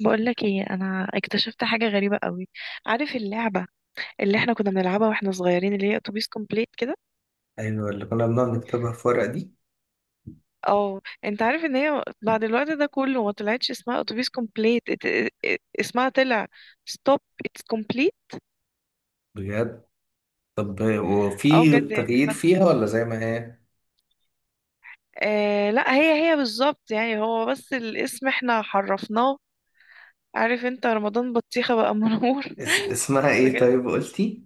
بقولك ايه؟ انا اكتشفت حاجه غريبه قوي. عارف اللعبه اللي احنا كنا بنلعبها واحنا صغيرين اللي هي اتوبيس كومبليت كده؟ ايوه، اللي كنا بنقعد نكتبها في ورقة دي. اه، انت عارف ان هي بعد الوقت ده كله ما طلعتش اسمها اتوبيس كومبليت، اسمها طلع ستوب اتس كومبليت. بجد؟ طب اه وفي بجد، يعني تغيير حد. فيها ولا زي ما هي؟ لا، هي بالظبط، يعني هو بس الاسم احنا حرفناه. عارف انت رمضان بطيخه بقى منور اسمها ايه بجد. طيب قلتي؟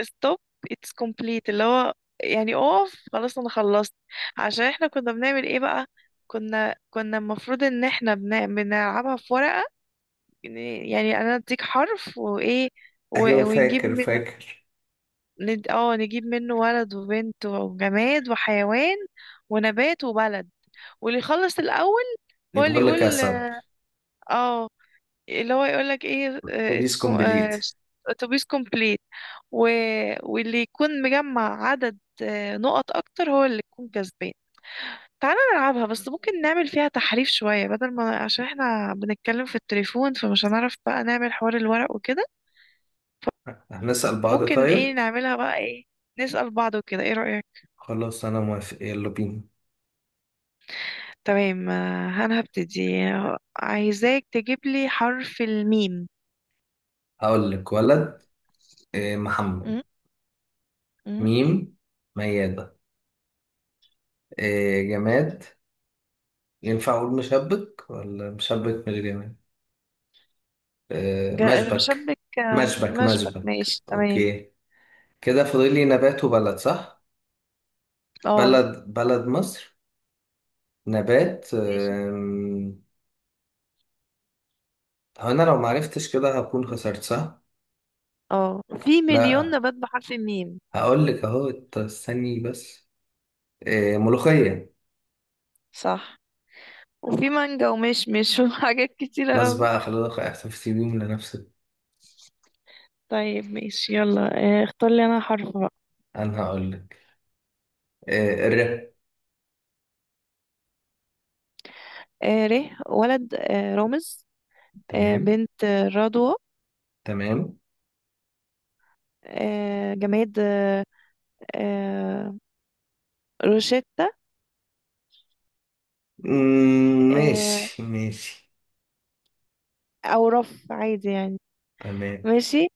stop it's complete، اللي هو يعني اقف، خلاص انا خلصت. عشان احنا كنا بنعمل ايه بقى؟ كنا المفروض ان احنا بنلعبها في ورقة. يعني انا اديك حرف وايه، ايوه ونجيب فاكر من، فاكر. نجيب منه ولد وبنت وجماد وحيوان ونبات وبلد، واللي يخلص الاول هو يبقى اللي اقول لك يا يقول. سب اه. اللي هو يقول لك ايه؟ اتس ريفيز كومبليت. اتوبيس كومبليت. و، واللي يكون مجمع عدد نقط اكتر هو اللي يكون كسبان. تعالى نلعبها، بس ممكن نعمل فيها تحريف شوية، بدل ما، عشان احنا بنتكلم في التليفون فمش هنعرف بقى نعمل حوار الورق وكده. هنسأل بعض فممكن ايه طيب. نعملها بقى؟ ايه، نسأل بعض وكده، ايه رأيك؟ خلاص انا موافق يلا بينا. تمام. انا هبتدي. عايزاك تجيب لي حرف الميم. هقول لك ولد، محمد. م- م- ميم ميادة. جماد. ينفع اقول مشبك ولا مشبك من الجماد؟ مشبك. مشبك، مشبك مشبك مشبك ماشي تمام. اوكي. كده فاضل لي نبات وبلد، صح؟ اه بلد بلد مصر. نبات ماشي. هو انا لو معرفتش كده هكون خسرت، صح؟ اه في مليون لا. نبات بحرف الميم. هقول لك اهو استني بس. إيه ملوخية. صح، وفي مانجا ومشمش وحاجات كتيرة خلاص أوي. بقى، خلاص احتفظي بيهم لنفسك. طيب ماشي، يلا. اختار لي أنا حرف بقى. انا هقول لك. إيه الرب. ر. ولد، رامز. تمام بنت، رضوى. تمام. جماد، آه، روشيتا. آه ماشي ماشي. أو رف، عادي يعني. تمام ماشي.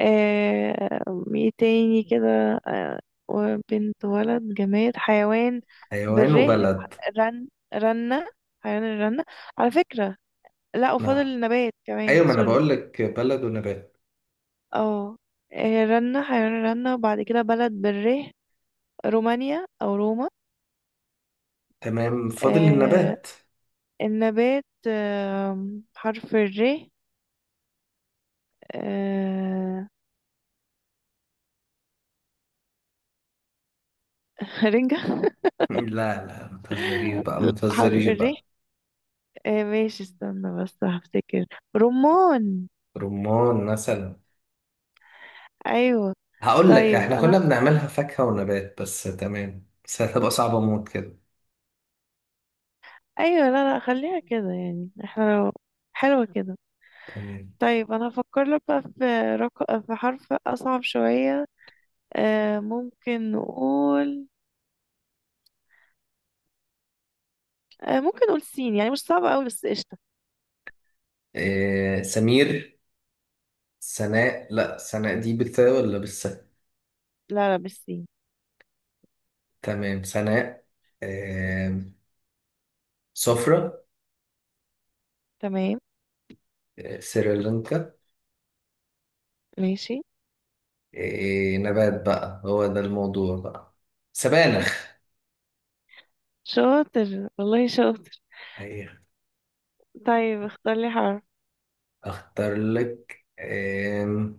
آه ايه تاني كده؟ آه وبنت ولد جماد حيوان. حيوان بره. وبلد. رن رنة، حيوان الرنة، على فكرة. لا، نعم؟ وفاضل نبات كمان، ايوه، ما انا سوري. بقول لك بلد ونبات. اه، رنة حيوان الرنة، وبعد كده بلد، بره، رومانيا أو روما. تمام، فاضل آه النبات. النبات، حرف الر. آه رنجة. لا لا، ما تهزريش بقى ما حرف تهزريش الر، بقى. ماشي استنى بس هفتكر. رمان. رمان مثلا. ايوه. هقول لك طيب احنا انا، كنا بنعملها فاكهة ونبات بس، تمام بس هتبقى صعبة موت كده. ايوه، لا لا خليها كده، يعني احنا لو، حلوة كده. تمام. طيب انا هفكر لك بقى في، في حرف اصعب شوية. ممكن نقول، ممكن نقول سين، يعني مش صعب قوي بس قشطة. إيه سمير. سناء. لا سناء دي بالثاء ولا بالساء؟ لا لا مش سين. تمام سناء. إيه سفرة. تمام. إيه سريلانكا. ماشي. إيه نبات بقى، هو ده الموضوع بقى. سبانخ. شاطر، والله شاطر. أيه. طيب اختار لي حرف اختار لك إيه؟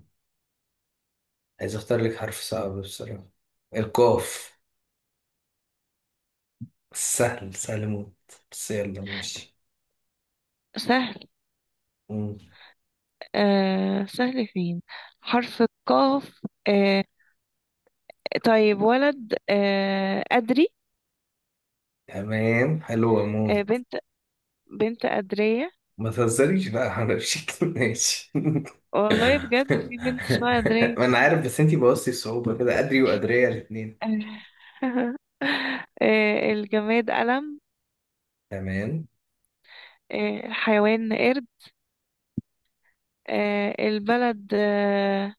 عايز اختار لك حرف صعب بصراحة. القاف. سهل سهل موت. بس يلا ماشي. سهل. سهل فين؟ حرف القاف. آه طيب ولد، أدري. تمام، حلو اموت. بنت، بنت أدرية. ما تهزريش بقى على شكل ماشي. والله بجد في بنت اسمها درين ما انا عارف، بس انتي بوظتي الصعوبة كده، قدري وقدرية الاتنين. الجماد قلم. تمام. الحيوان قرد. البلد،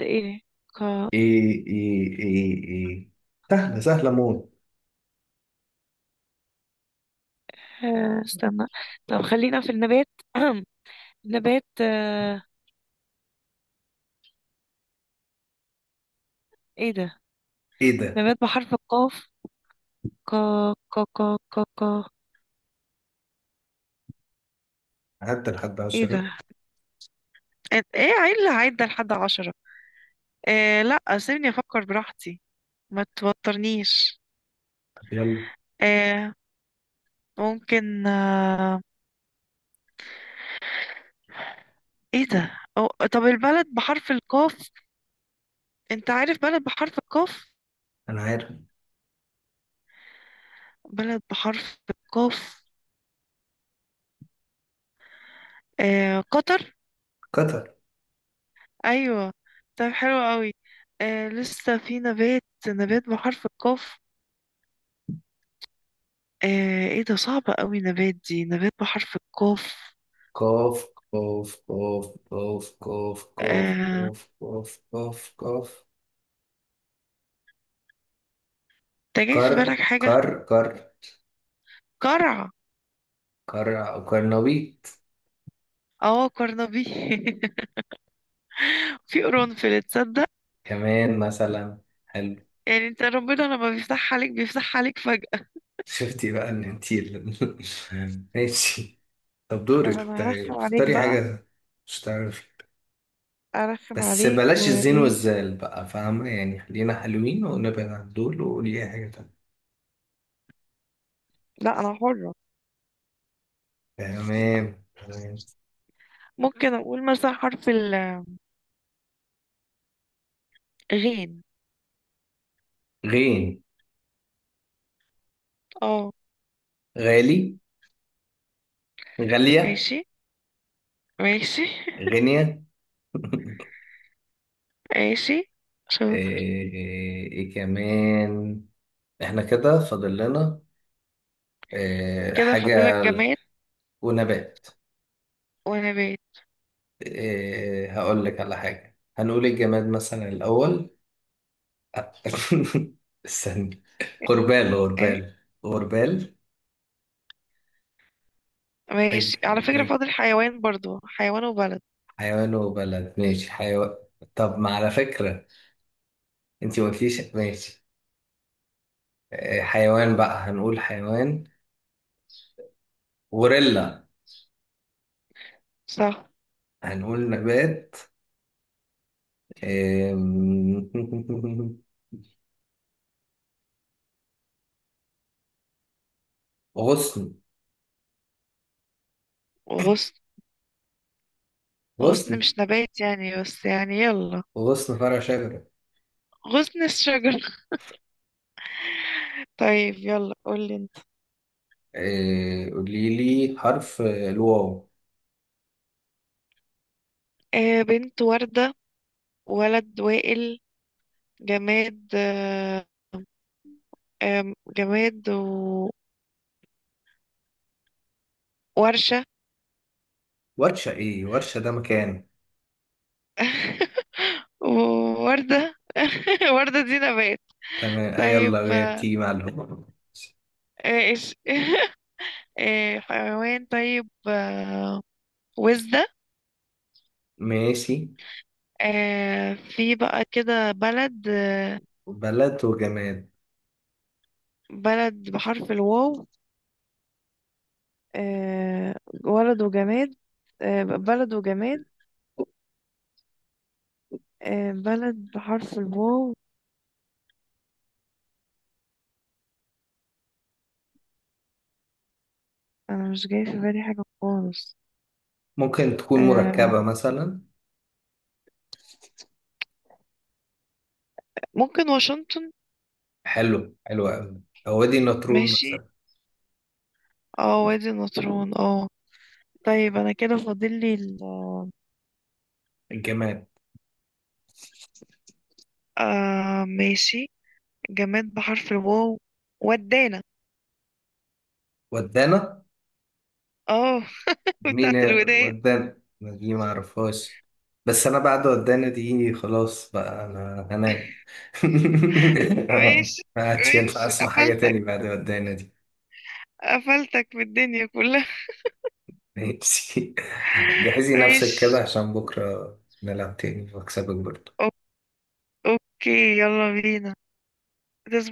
ايه؟ ك- ايه ايه ايه ايه. سهلة سهلة موت. استنى، طب خلينا في النبات نبات، ايه ده؟ ايه ده. نبات بحرف القاف. ك ك ك ك ك عدى لحد ايه عشرة. ده؟ ايه؟ إيه؟ عيل عدى لحد عشرة. إيه، لا سيبني افكر براحتي، ما توترنيش. طب يلا. إيه، ممكن، ايه ده؟ أو طب البلد بحرف القاف، انت عارف بلد بحرف القاف؟ انا عارف. بلد بحرف القاف. قطر. قطر. ايوه. طب حلو قوي. لسه في نبات، نبات بحرف القاف. ايه ده، صعبة قوي نبات دي، نبات بحرف القاف. قاف قاف قاف قاف قاف قاف آه قاف قاف قاف قاف. انت جاي في كر بالك حاجة؟ كر كر. قرع. كر أو كرنبيط. اه قرنبي في قرنفل، تصدق؟ كمان مثلا. حلو. يعني انت ربنا لما بيفتح عليك بيفتح عليك فجأة. شفتي بقى ان انتي ماشي. طب طب دورك انا هرخم عليك اختاري بقى. حاجة. مش تعرفي؟ ارخم بس عليك بلاش الزين وايه؟ والزال بقى، فاهمة يعني، خلينا حلوين ونبعد عن دول وقولي أي حاجة تانية. لا انا حرة. تمام تمام. ممكن اقول مثلا حرف الغين. غين. اه. غالي غالية ماشي. ماشي غنية. ماشي. ايه, شاطر. إيه إيه كمان. احنا كده فاضل لنا إيه كده حاجة. فاضلك جماد ونبات. ونبات. إيه، هقول لك على حاجة. هنقول الجماد مثلا الأول. استنى. غربال ايه؟ غربال غربال. تج ماشي، على فكرة تج. فاضل حيوان برضو، حيوان وبلد. حيوان وبلد، ماشي حيوان. طب ما على فكرة، انتي ما قلتيش ماشي. حيوان بقى، هنقول حيوان غوريلا. صح. هنقول نبات آم، غصن. وغصن. غصن غصن مش نبات يعني، بس يعني يلا، غصن فرع شجرة. غصن الشجر طيب يلا، قولي انت. قولي لي حرف الواو. بنت وردة. ولد وائل. جماد جماد وورشة ورشة؟ ايه ورشة ده مكان. وردة وردة دي نبات. تمام، طيب يلا بتيجي معلومة. ايش حيوان، طيب وزدة. ماشي. في بقى كده بلد. بلد وجماد. بلد بحرف الواو. آه، ولد وجماد. بلد وجماد. بلد بحرف الواو. انا مش جاي في بالي حاجة خالص. ممكن تكون آه، مركبة مثلا. ممكن واشنطن. حلو حلو أوي. أو وادي النطرون ماشي. مثلا. اه وادي النطرون، اه. طيب انا كده فاضل لي. الجماد. ماشي. جماد بحرف الواو. ودانا. ودانا. اه. مين بتاعت هي الودان. ودانا؟ ما دي ما أعرفهاش. بس أنا بعد ودانا دي خلاص بقى أنا هنام. ماشي. ما عادش ينفع ماشي، أسمع حاجة قفلتك. تاني بعد ودانا دي. قفلتك في الدنيا كلها. ماشي. جهزي نفسك كده ماشي. عشان بكرة نلعب تاني وأكسبك برضه. أو- اوكي، يلا بينا. تصبح